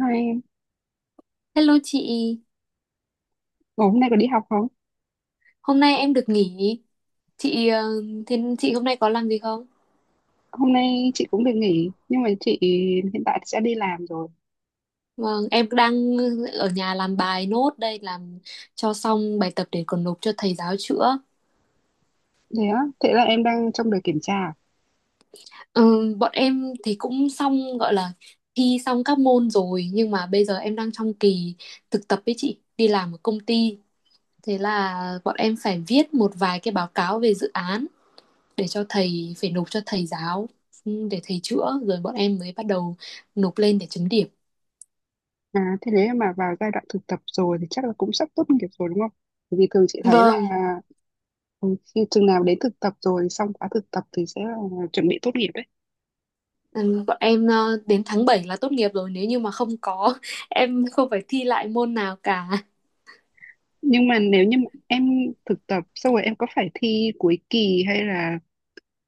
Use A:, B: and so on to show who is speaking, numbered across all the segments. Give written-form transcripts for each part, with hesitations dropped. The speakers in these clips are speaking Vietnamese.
A: Hai em.
B: Hello chị,
A: Ủa, hôm nay có đi học không?
B: hôm nay em được nghỉ. Chị ờ, Thế chị hôm nay có làm gì không?
A: Hôm nay chị cũng được nghỉ, nhưng mà chị hiện tại sẽ đi làm rồi.
B: Vâng, em đang ở nhà làm bài nốt đây làm cho xong bài tập để còn nộp cho thầy giáo chữa.
A: Thế á, thế là em đang trong đợt kiểm tra à?
B: Ừ, bọn em thì cũng xong gọi là thi xong các môn rồi nhưng mà bây giờ em đang trong kỳ thực tập với chị, đi làm ở công ty. Thế là bọn em phải viết một vài cái báo cáo về dự án để cho thầy phải nộp cho thầy giáo, để thầy chữa rồi bọn em mới bắt đầu nộp lên để chấm điểm.
A: À, thế nếu mà vào giai đoạn thực tập rồi thì chắc là cũng sắp tốt nghiệp rồi đúng không? Bởi vì thường chị thấy là
B: Vâng.
A: ừ, khi chừng nào đến thực tập rồi, xong khóa thực tập thì sẽ là chuẩn bị tốt nghiệp đấy.
B: Ừ, bọn em đến tháng 7 là tốt nghiệp rồi nếu như mà không có em không phải thi lại môn nào cả.
A: Nhưng mà nếu như mà em thực tập xong rồi em có phải thi cuối kỳ hay là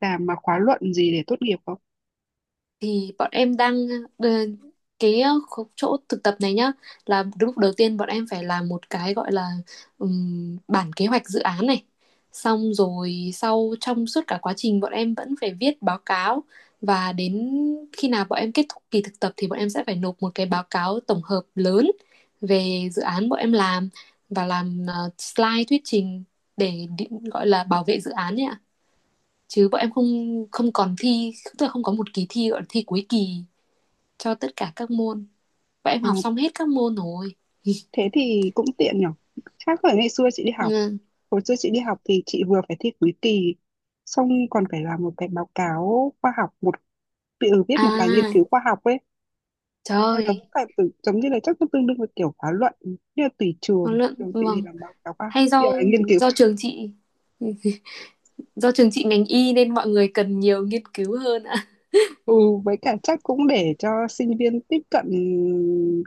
A: làm mà khóa luận gì để tốt nghiệp không?
B: Thì bọn em đang, ờ, cái chỗ thực tập này nhá, là đúng lúc đầu tiên bọn em phải làm một cái gọi là, bản kế hoạch dự án này, xong rồi sau trong suốt cả quá trình bọn em vẫn phải viết báo cáo và đến khi nào bọn em kết thúc kỳ thực tập thì bọn em sẽ phải nộp một cái báo cáo tổng hợp lớn về dự án bọn em làm, và làm slide thuyết trình để gọi là bảo vệ dự án nhé, chứ bọn em không không còn thi, tức là không có một kỳ thi gọi là thi cuối kỳ cho tất cả các môn, bọn em
A: À,
B: học xong hết các môn rồi.
A: thế thì cũng tiện nhở. Khác với ngày xưa chị đi học.
B: Ừ.
A: Hồi xưa chị đi học thì chị vừa phải thi cuối kỳ, xong còn phải làm một cái báo cáo khoa học, một tự viết một bài nghiên
B: À,
A: cứu khoa học ấy.
B: trời
A: Nó giống
B: ơi.
A: phải tự, giống như là chắc nó tương đương với kiểu khóa luận, như là tùy
B: Nó
A: trường,
B: luận,
A: trường chị thì
B: vâng.
A: làm báo cáo khoa học,
B: Hay do
A: bây giờ là nghiên cứu
B: do
A: khoa học.
B: trường chị do trường chị ngành y nên mọi người cần nhiều nghiên cứu hơn ạ.
A: Ừ, với cả chắc cũng để cho sinh viên tiếp cận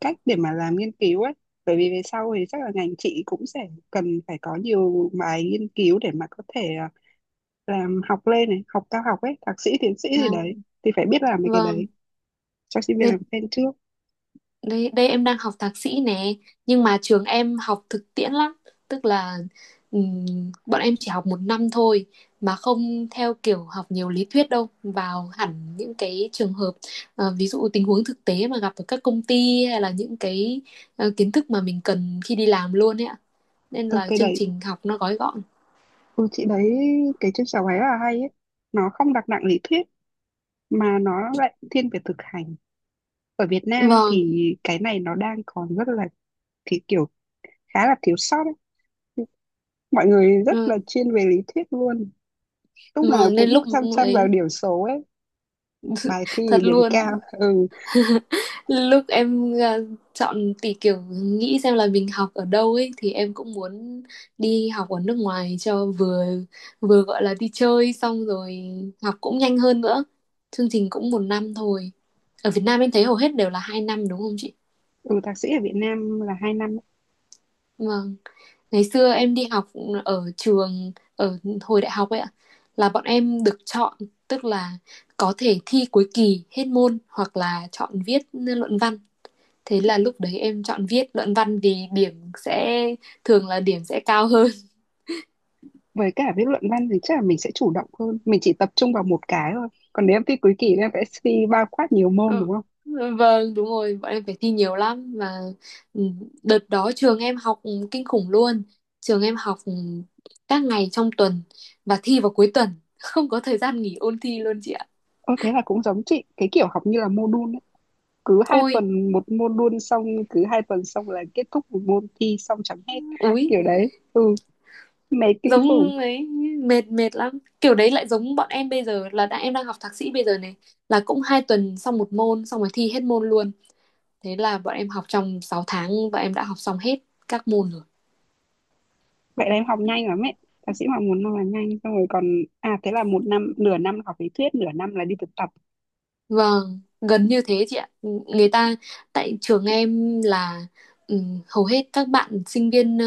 A: cách để mà làm nghiên cứu ấy. Bởi vì về sau thì chắc là ngành chị cũng sẽ cần phải có nhiều bài nghiên cứu để mà có thể làm học lên này, học cao học ấy, thạc sĩ, tiến sĩ
B: À,
A: gì đấy, thì phải biết làm mấy cái
B: vâng,
A: đấy cho sinh viên
B: nên
A: làm quen trước.
B: đây đây em đang học thạc sĩ nè, nhưng mà trường em học thực tiễn lắm, tức là, ừm, bọn em chỉ học một năm thôi, mà không theo kiểu học nhiều lý thuyết đâu, vào hẳn những cái trường hợp, ví dụ tình huống thực tế mà gặp ở các công ty, hay là những cái kiến thức mà mình cần khi đi làm luôn ấy ạ, nên
A: Ừ,
B: là
A: cái
B: chương
A: đấy,
B: trình học nó gói gọn.
A: ừ, chị đấy, cái trên sáu ấy là hay ấy, nó không đặt nặng lý thuyết mà nó lại thiên về thực hành. Ở Việt Nam
B: Vâng.
A: thì cái này nó đang còn rất là, thì kiểu khá là thiếu sót ấy. Mọi người rất là
B: ừ,
A: chuyên về lý thuyết luôn, lúc nào
B: vâng, nên
A: cũng
B: lúc
A: chăm chăm vào
B: ấy,
A: điểm số ấy, bài thi
B: thật
A: điểm
B: luôn.
A: cao. Ừ.
B: Lúc em chọn tỷ kiểu nghĩ xem là mình học ở đâu ấy, thì em cũng muốn đi học ở nước ngoài cho vừa, vừa gọi là đi chơi, xong rồi học cũng nhanh hơn nữa. Chương trình cũng một năm thôi. Ở Việt Nam em thấy hầu hết đều là 2 năm đúng không chị?
A: Ừ, thạc sĩ ở Việt Nam là 2 năm.
B: Vâng. Ngày xưa em đi học ở trường, ở hồi đại học ấy ạ, là bọn em được chọn, tức là có thể thi cuối kỳ hết môn hoặc là chọn viết luận văn. Thế là lúc đấy em chọn viết luận văn vì điểm sẽ, thường là điểm sẽ cao hơn.
A: Với cả viết luận văn thì chắc là mình sẽ chủ động hơn, mình chỉ tập trung vào một cái thôi, còn nếu em thi cuối kỳ thì em phải thi bao quát nhiều môn đúng không?
B: Ừ, vâng, đúng rồi, bọn em phải thi nhiều lắm và, ừ, đợt đó trường em học kinh khủng luôn. Trường em học các ngày trong tuần và thi vào cuối tuần, không có thời gian nghỉ ôn thi luôn chị ạ.
A: Ơ thế là cũng giống chị, cái kiểu học như là module ấy. Cứ hai
B: Ôi,
A: tuần một module xong, cứ 2 tuần xong là kết thúc một môn thi xong chẳng hết.
B: úi,
A: Kiểu đấy, mệt kinh khủng.
B: giống ấy, mệt mệt lắm. Kiểu đấy lại giống bọn em bây giờ, là đã, em đang học thạc sĩ bây giờ này, là cũng hai tuần xong một môn, xong rồi thi hết môn luôn. Thế là bọn em học trong 6 tháng và em đã học xong hết các môn rồi.
A: Vậy là em học nhanh lắm ấy. Thạc sĩ mà muốn là nhanh, xong rồi còn, à thế là một năm, nửa năm học lý thuyết, nửa năm là đi thực tập.
B: Vâng, gần như thế chị ạ. Người ta, tại trường em là, hầu hết các bạn sinh viên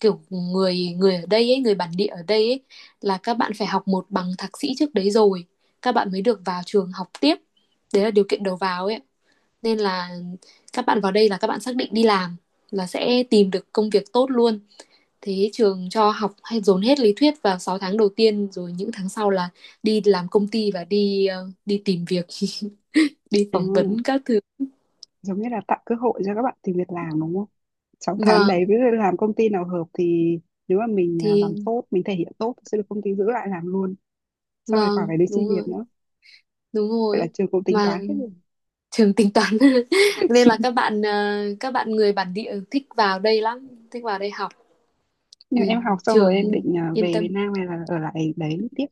B: kiểu người người ở đây ấy, người bản địa ở đây ấy, là các bạn phải học một bằng thạc sĩ trước đấy rồi các bạn mới được vào trường học tiếp. Đấy là điều kiện đầu vào ấy. Nên là các bạn vào đây là các bạn xác định đi làm là sẽ tìm được công việc tốt luôn. Thế trường cho học, hay dồn hết lý thuyết vào 6 tháng đầu tiên, rồi những tháng sau là đi làm công ty và đi đi tìm việc, đi
A: À,
B: phỏng vấn các thứ.
A: giống như là tạo cơ hội cho các bạn tìm việc làm đúng không? 6 tháng đấy,
B: Vâng,
A: ví dụ làm công ty nào hợp thì nếu mà mình
B: thì
A: làm tốt, mình thể hiện tốt thì sẽ được công ty giữ lại làm luôn. Xong rồi khỏi
B: vâng,
A: phải đi xin
B: đúng
A: việc
B: rồi,
A: nữa.
B: đúng
A: Vậy là
B: rồi.
A: trường cũng tính
B: Mà
A: toán hết rồi.
B: trường tính toán. Nên là các bạn các bạn người bản địa thích vào đây lắm, thích vào đây học.
A: Nhưng
B: Thì
A: em học xong rồi em
B: trường
A: định
B: yên
A: về Việt
B: tâm.
A: Nam hay là ở lại đấy tiếp?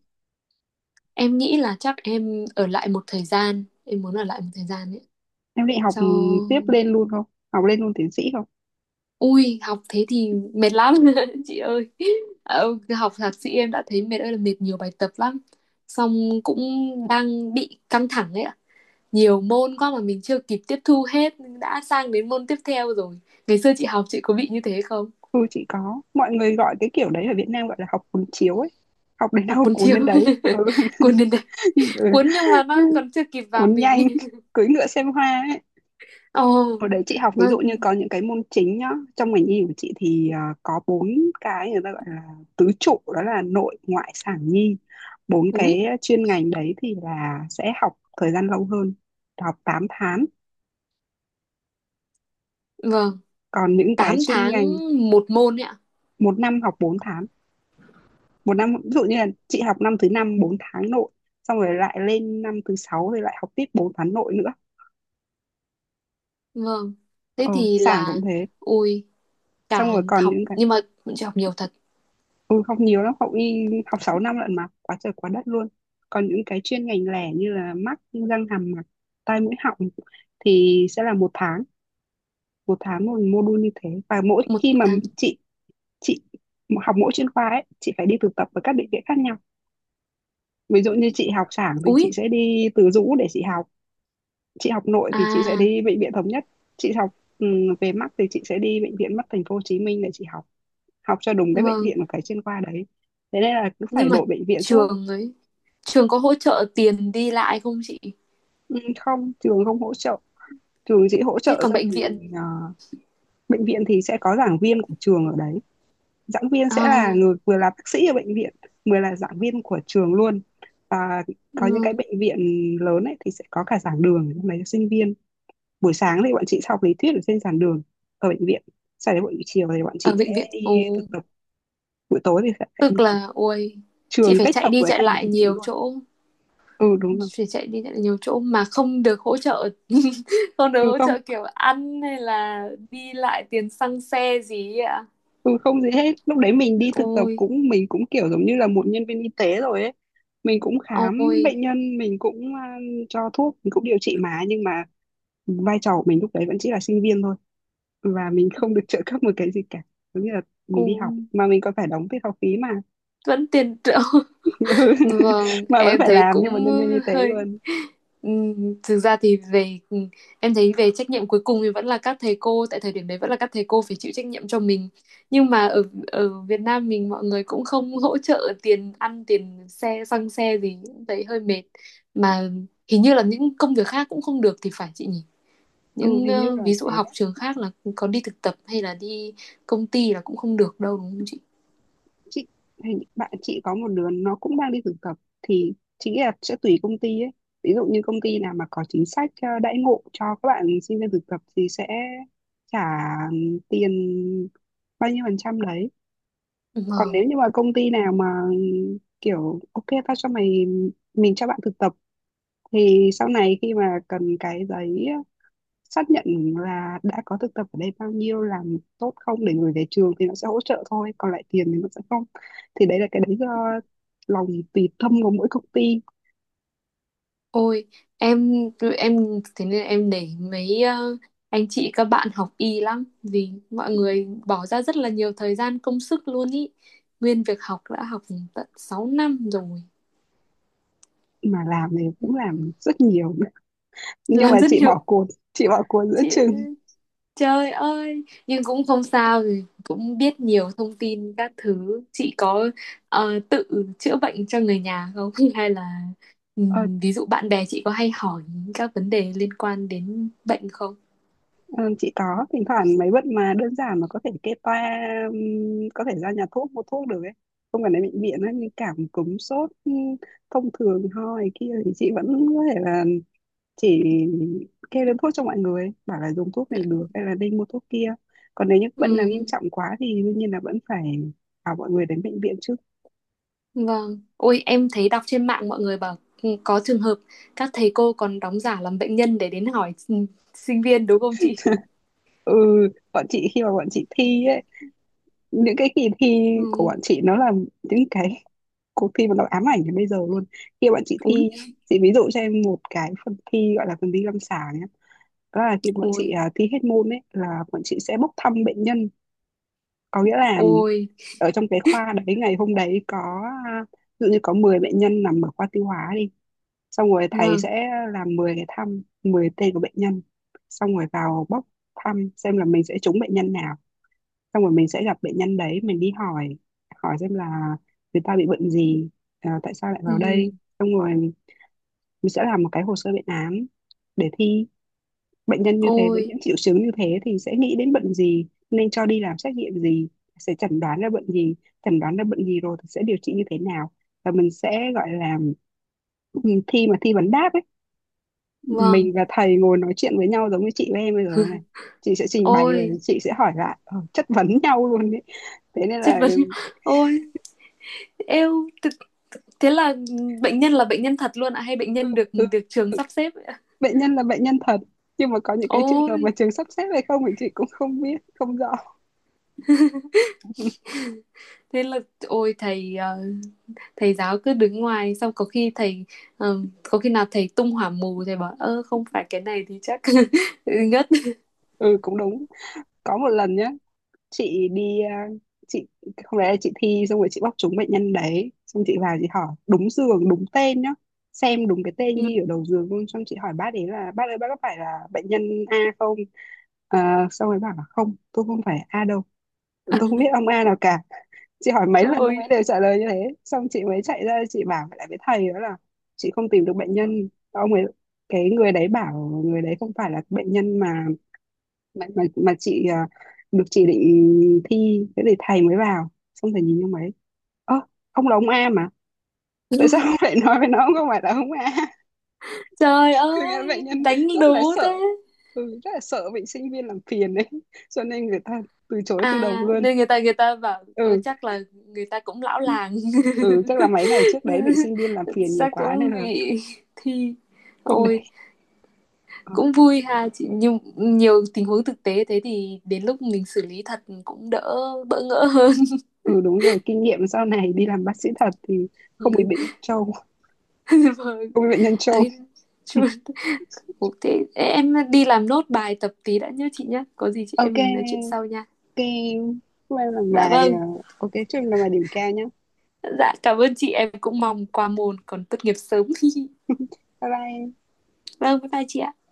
B: Em nghĩ là chắc em ở lại một thời gian, em muốn ở lại một thời gian ấy,
A: Em định học
B: cho.
A: tiếp lên luôn không? Học lên luôn tiến sĩ không?
B: Ui, học thế thì mệt lắm chị ơi. Ờ, học thạc sĩ em đã thấy mệt ơi là mệt, nhiều bài tập lắm. Xong cũng đang bị căng thẳng ấy ạ. Nhiều môn quá mà mình chưa kịp tiếp thu hết đã sang đến môn tiếp theo rồi. Ngày xưa chị học chị có bị như thế không?
A: Ừ chị có. Mọi người gọi cái kiểu đấy ở Việt Nam gọi là học cuốn chiếu ấy. Học đến
B: Học
A: đâu
B: cuốn
A: cuốn
B: chiếu.
A: đến đấy. Ừ.
B: Cuốn đến đây. Cuốn nhưng mà
A: ừ.
B: nó còn chưa kịp vào
A: Cuốn
B: mình.
A: nhanh, cưỡi ngựa xem hoa ấy.
B: Ồ,
A: Hồi đấy chị học ví
B: nó,
A: dụ như có những cái môn chính nhá. Trong ngành y của chị thì có bốn cái người ta gọi là tứ trụ, đó là nội ngoại sản nhi. Bốn
B: ui,
A: cái chuyên ngành đấy thì là sẽ học thời gian lâu hơn, học 8 tháng.
B: vâng,
A: Còn những cái
B: 8
A: chuyên
B: tháng
A: ngành
B: một môn ấy ạ.
A: một năm học 4 tháng. Một năm ví dụ như là chị học năm thứ năm 4 tháng nội, xong rồi lại lên năm thứ sáu rồi lại học tiếp 4 tháng nội nữa.
B: Vâng. Thế
A: Ờ,
B: thì
A: Sảng cũng
B: là,
A: thế,
B: ui,
A: xong
B: cả,
A: rồi còn
B: học
A: những cái,
B: nhưng mà bọn chị học nhiều thật.
A: ừ, học nhiều lắm, học y học 6 năm lận mà quá trời quá đất luôn. Còn những cái chuyên ngành lẻ như là mắt, răng hàm mặt, tai mũi họng thì sẽ là một tháng, một tháng một module như thế. Và mỗi
B: Một
A: khi mà
B: tháng,
A: chị chị học mỗi chuyên khoa ấy, chị phải đi thực tập ở các bệnh viện khác nhau. Ví dụ như chị học sản thì
B: úi,
A: chị sẽ đi Từ Dũ để chị học, chị học nội thì chị sẽ
B: à,
A: đi bệnh viện Thống Nhất, chị học ừ, về mắt thì chị sẽ đi bệnh viện mắt thành phố Hồ Chí Minh để chị học, học cho đúng cái bệnh
B: vâng,
A: viện của cái chuyên khoa đấy. Thế nên là cứ phải
B: nhưng mà
A: đổi bệnh viện suốt.
B: trường ấy, trường có hỗ trợ tiền đi lại không chị?
A: Ừ, không, trường không hỗ trợ, trường chỉ hỗ
B: Thế
A: trợ
B: còn
A: cho
B: bệnh viện?
A: mình, bệnh viện thì sẽ có giảng viên của trường ở đấy. Giảng viên sẽ là
B: À.
A: người vừa là bác sĩ ở bệnh viện vừa là giảng viên của trường luôn. Và có những cái
B: ừ,
A: bệnh viện lớn ấy thì sẽ có cả giảng đường ở trong đấy cho sinh viên. Buổi sáng thì bọn chị sẽ học lý thuyết ở trên giảng đường ở bệnh viện, sau đấy buổi chiều thì bọn
B: Ở
A: chị sẽ
B: bệnh viện.
A: đi
B: Ồ,
A: thực tập, buổi tối thì sẽ đi
B: tức là, ôi, chị
A: trường
B: phải
A: kết
B: chạy
A: hợp
B: đi
A: với
B: chạy
A: cả bệnh
B: lại
A: viện
B: nhiều
A: luôn.
B: chỗ,
A: Ừ đúng rồi.
B: phải chạy đi chạy lại nhiều chỗ mà không được hỗ trợ, không được
A: Ừ
B: hỗ
A: không.
B: trợ kiểu ăn hay là đi lại tiền xăng xe gì ấy ạ.
A: Ừ, không gì hết. Lúc đấy mình đi thực tập,
B: Ôi,
A: cũng mình cũng kiểu giống như là một nhân viên y tế rồi ấy. Mình cũng khám
B: ôi,
A: bệnh nhân, mình cũng cho thuốc, mình cũng điều trị, mà nhưng mà vai trò của mình lúc đấy vẫn chỉ là sinh viên thôi, và mình không được trợ cấp một cái gì cả. Giống như là mình đi
B: ôi,
A: học mà mình còn phải đóng tiền học phí mà.
B: vẫn tiền triệu.
A: Ừ.
B: Vâng,
A: mà vẫn
B: em
A: phải
B: thấy
A: làm
B: cũng
A: nhưng mà nhân viên y tế
B: hơi,
A: luôn.
B: thực ra thì về, em thấy về trách nhiệm cuối cùng thì vẫn là các thầy cô, tại thời điểm đấy vẫn là các thầy cô phải chịu trách nhiệm cho mình. Nhưng mà ở ở Việt Nam mình mọi người cũng không hỗ trợ tiền ăn, tiền xe, xăng xe gì, em thấy hơi mệt. Mà hình như là những công việc khác cũng không được thì phải chị nhỉ?
A: Ừ,
B: Những
A: hình như là
B: ví dụ
A: thế
B: học
A: đấy.
B: trường khác là có đi thực tập hay là đi công ty là cũng không được đâu đúng không chị?
A: Chị hình bạn chị có một đứa nó cũng đang đi thực tập, thì chị nghĩ là sẽ tùy công ty ấy. Ví dụ như công ty nào mà có chính sách đãi ngộ cho các bạn sinh viên thực tập thì sẽ trả tiền bao nhiêu phần trăm đấy. Còn
B: Vâng.
A: nếu như mà công ty nào mà kiểu ok tao cho mày, mình cho bạn thực tập, thì sau này khi mà cần cái giấy xác nhận là đã có thực tập ở đây, bao nhiêu, làm tốt không, để gửi về trường thì nó sẽ hỗ trợ thôi, còn lại tiền thì nó sẽ không. Thì đấy là cái đấy do lòng tùy tâm của mỗi công ty.
B: Ôi, em em thế nên em nể mấy anh chị các bạn học y lắm, vì mọi người bỏ ra rất là nhiều thời gian công sức luôn ý. Nguyên việc học đã học tận 6 năm rồi.
A: Mà làm thì cũng làm rất nhiều, nhưng
B: Làm
A: mà
B: rất
A: chị
B: nhiều.
A: bỏ cuộc, chị bỏ cuộc giữa
B: Chị...
A: chừng.
B: Trời ơi, nhưng cũng không sao rồi, cũng biết nhiều thông tin các thứ. Chị có tự chữa bệnh cho người nhà không? Hay là
A: ờ,
B: ví dụ bạn bè chị có hay hỏi các vấn đề liên quan đến bệnh không?
A: ờ, chị có, thỉnh thoảng mấy bệnh mà đơn giản mà có thể kê toa, ừm, có thể ra nhà thuốc mua thuốc được ấy, không cần đến bệnh viện ấy, như cảm cúm sốt thông thường, ho này kia thì chị vẫn có thể là chỉ kêu lên thuốc cho mọi người, bảo là dùng thuốc này được hay là nên mua thuốc kia. Còn nếu những bệnh nào
B: Ừ.
A: nghiêm trọng quá thì đương nhiên là vẫn phải bảo mọi người đến bệnh viện chứ.
B: Vâng, ôi em thấy đọc trên mạng mọi người bảo, có trường hợp các thầy cô còn đóng giả làm bệnh nhân để đến hỏi sinh viên đúng không chị?
A: Ừ, bọn chị khi mà bọn chị thi ấy, những cái kỳ thi của bọn
B: Ừ.
A: chị nó là những cái cuộc thi mà nó ám ảnh đến bây giờ luôn. Khi bọn chị
B: Úi,
A: thi nhá, chị ví dụ cho em một cái phần thi gọi là phần thi lâm sàng nhá. Đó là khi bọn chị
B: ôi,
A: thi hết môn ấy là bọn chị sẽ bốc thăm bệnh nhân. Có nghĩa là
B: ôi,
A: ở trong cái khoa đấy, ngày hôm đấy có ví dụ như có 10 bệnh nhân nằm ở khoa tiêu hóa đi, xong rồi thầy
B: vâng,
A: sẽ làm 10 cái thăm, 10 tên của bệnh nhân, xong rồi vào bóc thăm xem là mình sẽ trúng bệnh nhân nào. Xong rồi mình sẽ gặp bệnh nhân đấy, mình đi hỏi, hỏi xem là người ta bị bệnh gì, tại sao lại vào
B: ừ,
A: đây. Xong rồi mình sẽ làm một cái hồ sơ bệnh án để thi, bệnh nhân như thế với
B: ôi,
A: những triệu chứng như thế thì sẽ nghĩ đến bệnh gì, nên cho đi làm xét nghiệm gì, sẽ chẩn đoán ra bệnh gì. Chẩn đoán ra bệnh gì rồi thì sẽ điều trị như thế nào. Và mình sẽ gọi là, thi mà thi vấn đáp ấy.
B: vâng,
A: Mình và thầy ngồi nói chuyện với nhau giống như chị với em bây giờ này. Chị sẽ trình bày và
B: ôi,
A: chị sẽ hỏi lại, chất vấn nhau luôn đấy. Thế nên
B: chất
A: là
B: vấn, ôi, eo, thế là bệnh nhân thật luôn ạ, hay bệnh
A: ừ,
B: nhân được
A: ừ,
B: được trường
A: ừ,
B: sắp xếp ạ?
A: bệnh nhân là bệnh nhân thật, nhưng mà có những cái trường hợp
B: Ôi,
A: mà trường sắp xếp hay không thì chị cũng không biết, không rõ.
B: thế là, ôi, thầy giáo cứ đứng ngoài, xong có khi nào thầy tung hỏa mù, thầy bảo ơ không phải cái này thì chắc ngất.
A: ừ cũng đúng. Có một lần nhá, chị đi, chị không lẽ chị thi xong rồi chị bóc trúng bệnh nhân đấy, xong chị vào chị hỏi đúng giường đúng tên nhá, xem đúng cái tên ghi ở đầu giường luôn, xong chị hỏi bác ấy là bác ơi bác có phải là bệnh nhân A không. Ờ, xong rồi bảo là không, tôi không phải A đâu, tôi không biết ông A nào cả. Chị hỏi mấy lần ông ấy
B: Ôi
A: đều trả lời như thế, xong chị mới chạy ra chị bảo lại với thầy đó là chị không tìm được bệnh nhân, ông ấy, cái người đấy bảo người đấy không phải là bệnh nhân Mà chị được chỉ định thi thế thì thầy mới vào, xong thầy nhìn ông ấy: ơ, ông là ông A mà, tại sao ông lại nói với nó ông không phải là ông A.
B: trời
A: Thực ra bệnh
B: ơi
A: nhân
B: đánh
A: rất
B: đố.
A: là
B: Thế
A: sợ, ừ, rất là sợ bị sinh viên làm phiền đấy, cho nên người ta từ chối từ
B: à,
A: đầu luôn.
B: nên người ta bảo ôi
A: Ừ.
B: chắc là người ta cũng lão làng.
A: Ừ, chắc là mấy ngày trước đấy bị sinh viên làm phiền nhiều
B: Chắc
A: quá nên
B: cũng
A: là
B: bị thi.
A: không đấy.
B: Ôi
A: Ờ,
B: cũng vui ha chị, nhưng nhiều tình huống thực tế thế thì đến lúc mình xử lý thật cũng đỡ bỡ ngỡ hơn.
A: ừ đúng rồi, kinh nghiệm sau này đi làm bác sĩ thật thì không bị bệnh nhân trâu,
B: Vâng,
A: không bị bệnh nhân trâu.
B: ấy, chú- ừ, thế em đi làm nốt bài tập tí đã nhớ chị nhé. Có gì chị em
A: ok.
B: mình nói chuyện sau nha.
A: Ok, hôm nay làm
B: Dạ
A: bài,
B: vâng.
A: ok chúc em làm bài điểm cao nhé.
B: Dạ cảm ơn chị, em cũng mong qua môn còn tốt nghiệp sớm.
A: Bye bye.
B: Vâng, bye bye chị ạ.